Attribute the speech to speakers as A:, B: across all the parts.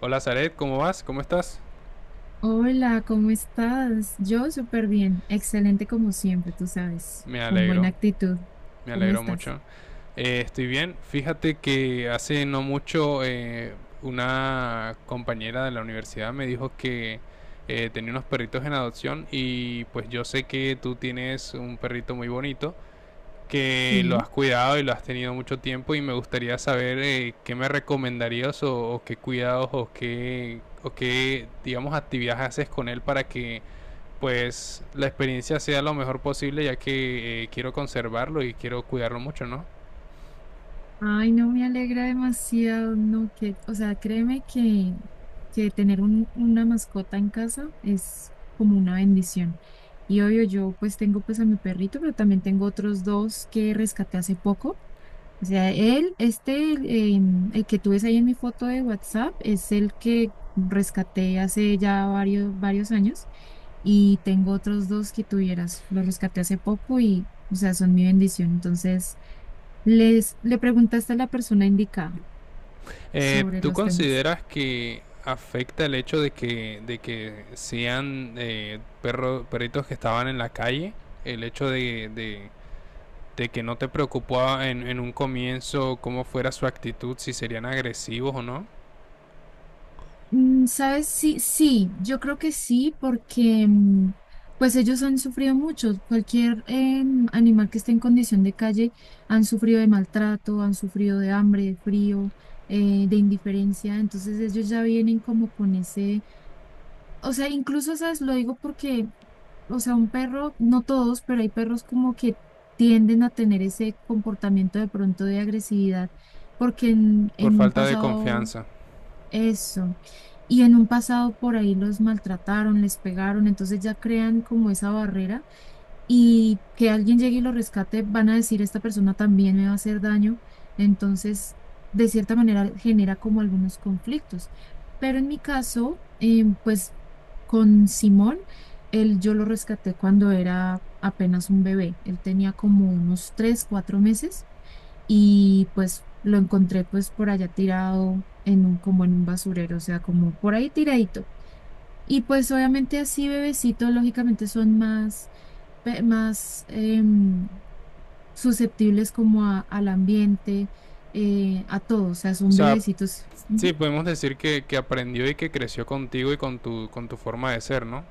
A: Hola Zaret, ¿cómo vas? ¿Cómo estás?
B: Hola, ¿cómo estás? Yo súper bien, excelente como siempre, tú sabes,
A: Me
B: con
A: alegro,
B: buena actitud.
A: me
B: ¿Cómo
A: alegro
B: estás?
A: mucho. Estoy bien. Fíjate que hace no mucho una compañera de la universidad me dijo que tenía unos perritos en adopción y pues yo sé que tú tienes un perrito muy bonito que lo has
B: Sí.
A: cuidado y lo has tenido mucho tiempo y me gustaría saber qué me recomendarías o qué cuidados o qué digamos actividades haces con él para que pues la experiencia sea lo mejor posible ya que quiero conservarlo y quiero cuidarlo mucho, ¿no?
B: Ay, no, me alegra demasiado, no, que, o sea, créeme que tener una mascota en casa es como una bendición. Y obvio, yo pues tengo pues a mi perrito, pero también tengo otros dos que rescaté hace poco. O sea, él, este, el, em, el que tú ves ahí en mi foto de WhatsApp es el que rescaté hace ya varios años, y tengo otros dos que tuvieras. Los rescaté hace poco y, o sea, son mi bendición. Entonces, le preguntaste a la persona indicada sobre
A: ¿Tú
B: los temas.
A: consideras que afecta el hecho de que sean perros, perritos que estaban en la calle? El hecho de que no te preocupaba en un comienzo cómo fuera su actitud, si serían agresivos o no,
B: ¿Sabes? Sí, sí, yo creo que sí, porque pues ellos han sufrido mucho. Cualquier animal que esté en condición de calle han sufrido de maltrato, han sufrido de hambre, de frío, de indiferencia. Entonces ellos ya vienen como con ese, o sea, incluso, ¿sabes? Lo digo porque, o sea, un perro, no todos, pero hay perros como que tienden a tener ese comportamiento de pronto de agresividad, porque en
A: por
B: en un
A: falta de
B: pasado
A: confianza.
B: eso. Y en un pasado por ahí los maltrataron, les pegaron, entonces ya crean como esa barrera, y que alguien llegue y lo rescate, van a decir, esta persona también me va a hacer daño. Entonces, de cierta manera, genera como algunos conflictos. Pero en mi caso, pues con Simón, yo lo rescaté cuando era apenas un bebé. Él tenía como unos tres, cuatro meses y pues lo encontré pues por allá tirado en un, como en un basurero, o sea, como por ahí tiradito. Y pues obviamente así bebecitos lógicamente son más susceptibles como al ambiente, a todo, o sea,
A: O
B: son
A: sea,
B: bebecitos.
A: sí,
B: Ujú.
A: podemos decir que aprendió y que creció contigo y con tu forma de ser, ¿no?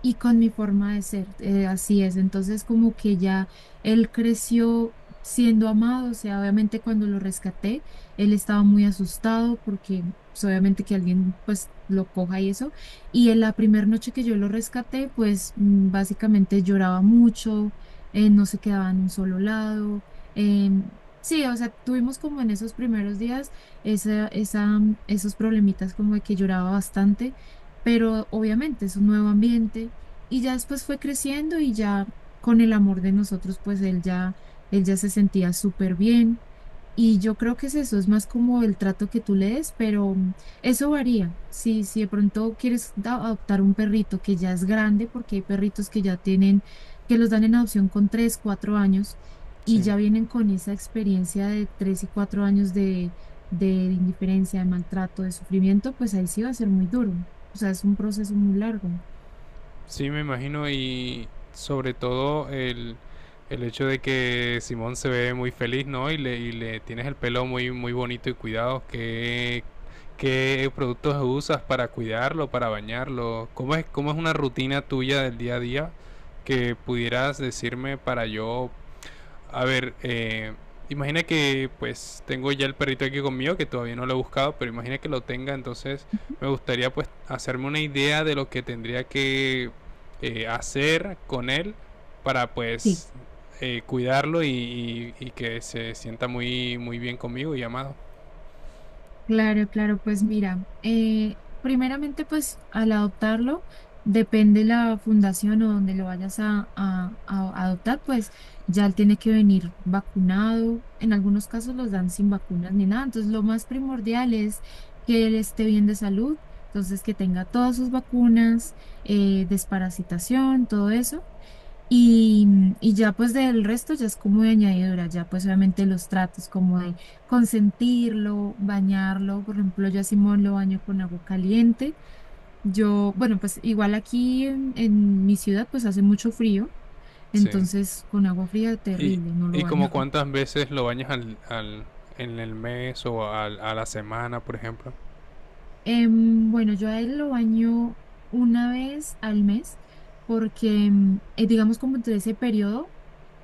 B: Y con mi forma de ser. Así es. Entonces, como que ya él creció siendo amado, o sea, obviamente cuando lo rescaté, él estaba muy asustado porque pues, obviamente, que alguien pues lo coja y eso. Y en la primera noche que yo lo rescaté, pues básicamente lloraba mucho, no se quedaba en un solo lado. em, Sí, o sea, tuvimos como en esos primeros días esa, esa, esos problemitas como de que lloraba bastante, pero obviamente es un nuevo ambiente, y ya después fue creciendo, y ya con el amor de nosotros, pues él ya se sentía súper bien. Y yo creo que es eso, es más como el trato que tú le des, pero eso varía. Si de pronto quieres adoptar un perrito que ya es grande, porque hay perritos que ya tienen, que los dan en adopción con tres, cuatro años, y
A: Sí.
B: ya vienen con esa experiencia de tres y cuatro años de, indiferencia, de maltrato, de sufrimiento, pues ahí sí va a ser muy duro. O sea, es un proceso muy largo.
A: Sí, me imagino, y sobre todo el hecho de que Simón se ve muy feliz, ¿no? Y le tienes el pelo muy, muy bonito y cuidado. ¿Qué, qué productos usas para cuidarlo, para bañarlo? Cómo es una rutina tuya del día a día que pudieras decirme para yo a ver, imagina que pues tengo ya el perrito aquí conmigo, que todavía no lo he buscado, pero imagina que lo tenga, entonces me gustaría pues hacerme una idea de lo que tendría que hacer con él para pues cuidarlo y, y que se sienta muy, muy bien conmigo y amado.
B: Claro, claro, pues mira, primeramente pues al adoptarlo, depende la fundación o donde lo vayas a adoptar, pues ya él tiene que venir vacunado, en algunos casos los dan sin vacunas ni nada, entonces lo más primordial es que él esté bien de salud, entonces que tenga todas sus vacunas, desparasitación, todo eso. Y, y ya pues del resto ya es como de añadidura, ya pues obviamente los tratos como de consentirlo, bañarlo. Por ejemplo, yo a Simón lo baño con agua caliente. Yo, bueno, pues igual aquí en, mi ciudad pues hace mucho frío,
A: Sí.
B: entonces con agua fría
A: Y,
B: terrible, no lo
A: y como
B: baño.
A: cuántas veces lo bañas al, en el mes o a la semana, por ejemplo.
B: Bueno, yo a él lo baño una vez al mes porque, digamos, como entre ese periodo,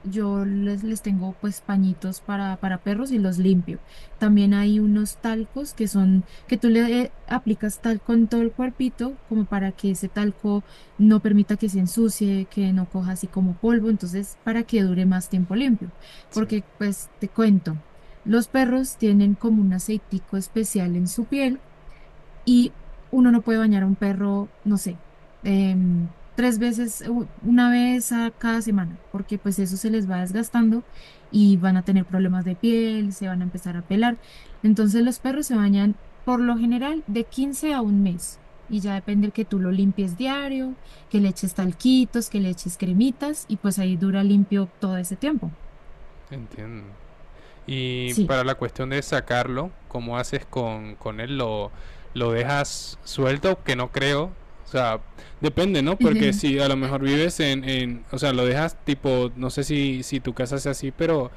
B: yo les tengo pues pañitos para perros, y los limpio. También hay unos talcos que son, que tú le aplicas talco en todo el cuerpito como para que ese talco no permita que se ensucie, que no coja así como polvo, entonces para que dure más tiempo limpio.
A: Sí,
B: Porque pues te cuento, los perros tienen como un aceitico especial en su piel, y uno no puede bañar a un perro, no sé, tres veces, una vez a cada semana, porque pues eso se les va desgastando y van a tener problemas de piel, se van a empezar a pelar. Entonces los perros se bañan por lo general de 15 a un mes. Y ya depende que tú lo limpies diario, que le eches talquitos, que le eches cremitas, y pues ahí dura limpio todo ese tiempo.
A: entiendo. Y
B: Sí.
A: para la cuestión de sacarlo, ¿cómo haces con él? ¿Lo dejas suelto? Que no creo. O sea, depende, ¿no? Porque si a lo mejor vives en, o sea, lo dejas tipo, no sé si, si tu casa sea así, pero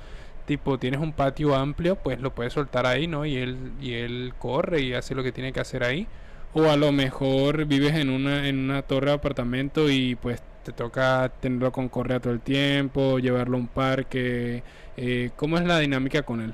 A: tipo tienes un patio amplio, pues lo puedes soltar ahí, ¿no? Y él corre y hace lo que tiene que hacer ahí. O a lo mejor vives en una torre de apartamento y pues te toca tenerlo con correa todo el tiempo, llevarlo a un parque, cómo es la dinámica con él.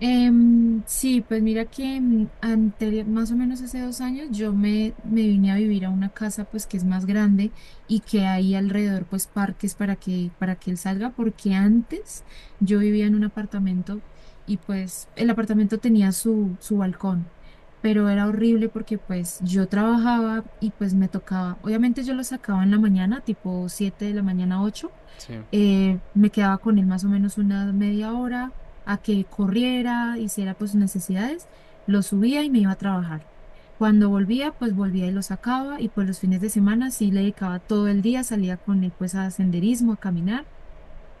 B: Sí, pues mira que anterior, más o menos hace 2 años, yo me vine a vivir a una casa pues que es más grande, y que hay alrededor pues parques para que, él salga, porque antes yo vivía en un apartamento, y pues el apartamento tenía su balcón, pero era horrible porque pues yo trabajaba, y pues me tocaba, obviamente, yo lo sacaba en la mañana, tipo 7 de la mañana, ocho,
A: Sí.
B: me quedaba con él más o menos una media hora a que corriera, hiciera pues sus necesidades, lo subía y me iba a trabajar. Cuando volvía, pues volvía y lo sacaba, y pues los fines de semana sí le dedicaba todo el día, salía con él pues a senderismo, a caminar.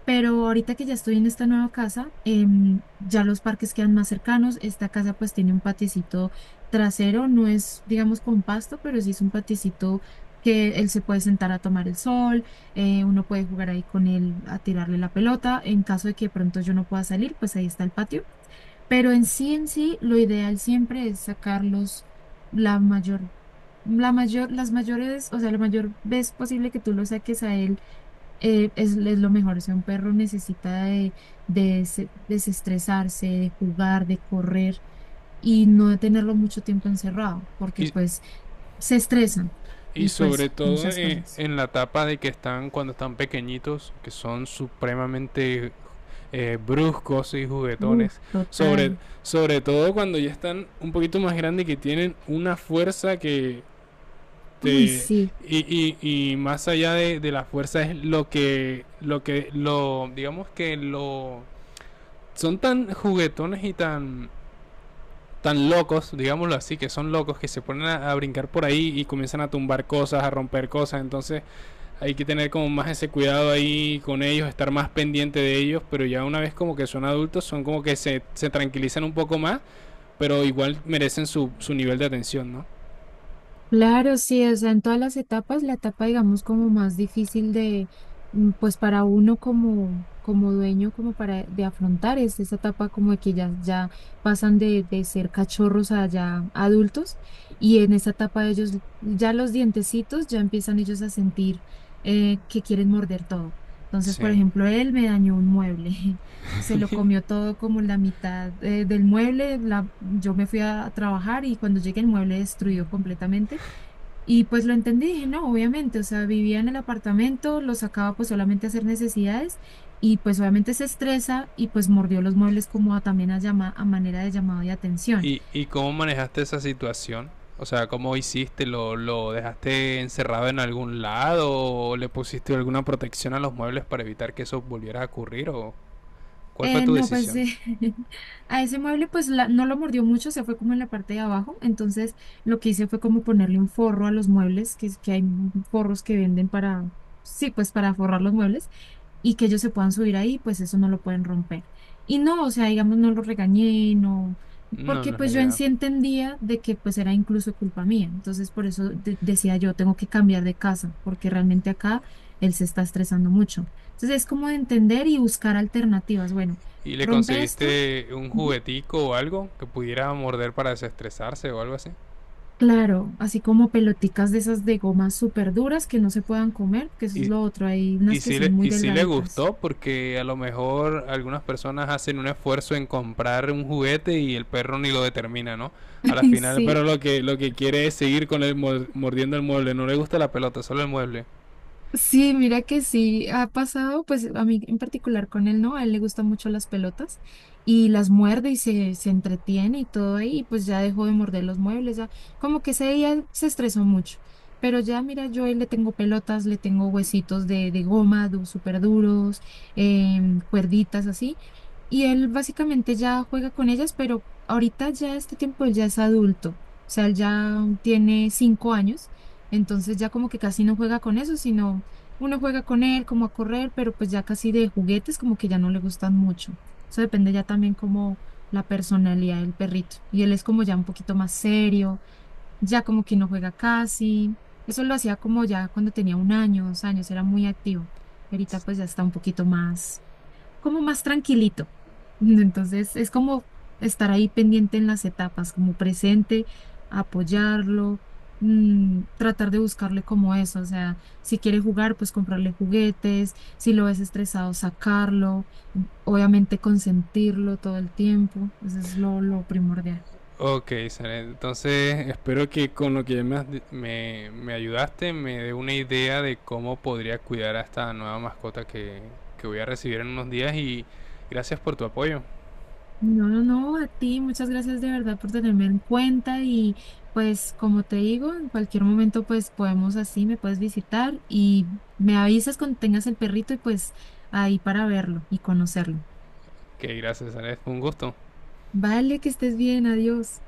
B: Pero ahorita que ya estoy en esta nueva casa, ya los parques quedan más cercanos. Esta casa pues tiene un paticito trasero, no es, digamos, con pasto, pero sí es un paticito que él se puede sentar a tomar el sol, uno puede jugar ahí con él a tirarle la pelota. En caso de que de pronto yo no pueda salir, pues ahí está el patio. Pero en sí, lo ideal siempre es sacarlos la mayor, la mayor, las mayores, o sea, la mayor vez posible que tú lo saques a él es, lo mejor. O sea, un perro necesita de desestresarse, de jugar, de correr, y no de tenerlo mucho tiempo encerrado, porque
A: Y,
B: pues se estresan
A: y
B: y pues
A: sobre todo
B: muchas cosas.
A: en la etapa de que están cuando están pequeñitos, que son supremamente bruscos y
B: Uf,
A: juguetones. Sobre,
B: total.
A: sobre todo cuando ya están un poquito más grandes, que tienen una fuerza que
B: Uy,
A: te...
B: sí.
A: Y, y más allá de la fuerza es lo que, lo que, lo, digamos que lo... Son tan juguetones y tan tan locos, digámoslo así, que son locos, que se ponen a brincar por ahí y comienzan a tumbar cosas, a romper cosas. Entonces hay que tener como más ese cuidado ahí con ellos, estar más pendiente de ellos. Pero ya una vez como que son adultos, son como que se tranquilizan un poco más, pero igual merecen su, su nivel de atención, ¿no?
B: Claro, sí, o sea, en todas las etapas, la etapa, digamos, como más difícil de, pues para uno como, dueño, como para de afrontar, es esa etapa como de que ya pasan de ser cachorros a ya adultos, y en esa etapa ellos, ya los dientecitos, ya empiezan ellos a sentir que quieren morder todo. Entonces, por
A: Sí.
B: ejemplo, él me dañó un mueble. Se lo comió todo como la mitad del mueble. Yo me fui a trabajar, y cuando llegué, el mueble destruido completamente. Y pues lo entendí, dije, no, obviamente, o sea, vivía en el apartamento, lo sacaba pues solamente a hacer necesidades, y pues obviamente se estresa, y pues mordió los muebles como también a manera de llamado de atención.
A: ¿Y cómo manejaste esa situación? O sea, ¿cómo hiciste? ¿Lo dejaste encerrado en algún lado? ¿O le pusiste alguna protección a los muebles para evitar que eso volviera a ocurrir? ¿O ¿Cuál fue tu
B: No, pues
A: decisión?
B: a ese mueble pues no lo mordió mucho, se fue como en la parte de abajo, entonces lo que hice fue como ponerle un forro a los muebles, que, que hay forros que venden para, sí, pues para forrar los muebles, y que ellos se puedan subir ahí, pues eso no lo pueden romper. Y no, o sea, digamos, no lo regañé, no,
A: No,
B: porque
A: no es la
B: pues yo en
A: idea.
B: sí entendía de que pues era incluso culpa mía, entonces por eso decía yo, tengo que cambiar de casa, porque realmente acá él se está estresando mucho. Entonces es como de entender y buscar alternativas. Bueno,
A: ¿Y le
B: rompe esto.
A: conseguiste un
B: Ujú.
A: juguetico o algo que pudiera morder para desestresarse o algo así?
B: Claro, así como peloticas de esas de gomas súper duras que no se puedan comer, que eso es
A: Y,
B: lo otro. Hay unas que son muy
A: y sí le
B: delgaditas.
A: gustó, porque a lo mejor algunas personas hacen un esfuerzo en comprar un juguete y el perro ni lo determina, ¿no? A la final el
B: Sí,
A: perro lo que quiere es seguir con el mordiendo el mueble, no le gusta la pelota, solo el mueble.
B: sí, mira que sí, ha pasado, pues a mí en particular con él, ¿no? A él le gustan mucho las pelotas, y las muerde y se entretiene y todo ahí, y pues ya dejó de morder los muebles, ya como que ese día se estresó mucho. Pero ya, mira, yo a él le tengo pelotas, le tengo huesitos de, goma, du, súper duros, cuerditas así, y él básicamente ya juega con ellas, pero ahorita ya este tiempo él ya es adulto, o sea, él ya tiene 5 años. Entonces ya como que casi no juega con eso, sino uno juega con él como a correr, pero pues ya casi de juguetes como que ya no le gustan mucho. Eso depende ya también como la personalidad del perrito. Y él es como ya un poquito más serio, ya como que no juega casi. Eso lo hacía como ya cuando tenía un año, 2 años, era muy activo. Ahorita pues ya está un poquito más como más tranquilito. Entonces, es como estar ahí pendiente en las etapas, como presente, apoyarlo, tratar de buscarle como eso, o sea, si quiere jugar, pues comprarle juguetes, si lo ves estresado, sacarlo, obviamente consentirlo todo el tiempo, eso es lo, primordial.
A: Ok, Saret, entonces espero que con lo que me, me, me ayudaste me dé una idea de cómo podría cuidar a esta nueva mascota que voy a recibir en unos días, y gracias por tu apoyo.
B: No, no, no, a ti, muchas gracias de verdad por tenerme en cuenta, y pues como te digo, en cualquier momento pues podemos así, me puedes visitar, y me avisas cuando tengas el perrito y pues ahí para verlo y conocerlo.
A: Que gracias, Saret, fue un gusto.
B: Vale, que estés bien, adiós.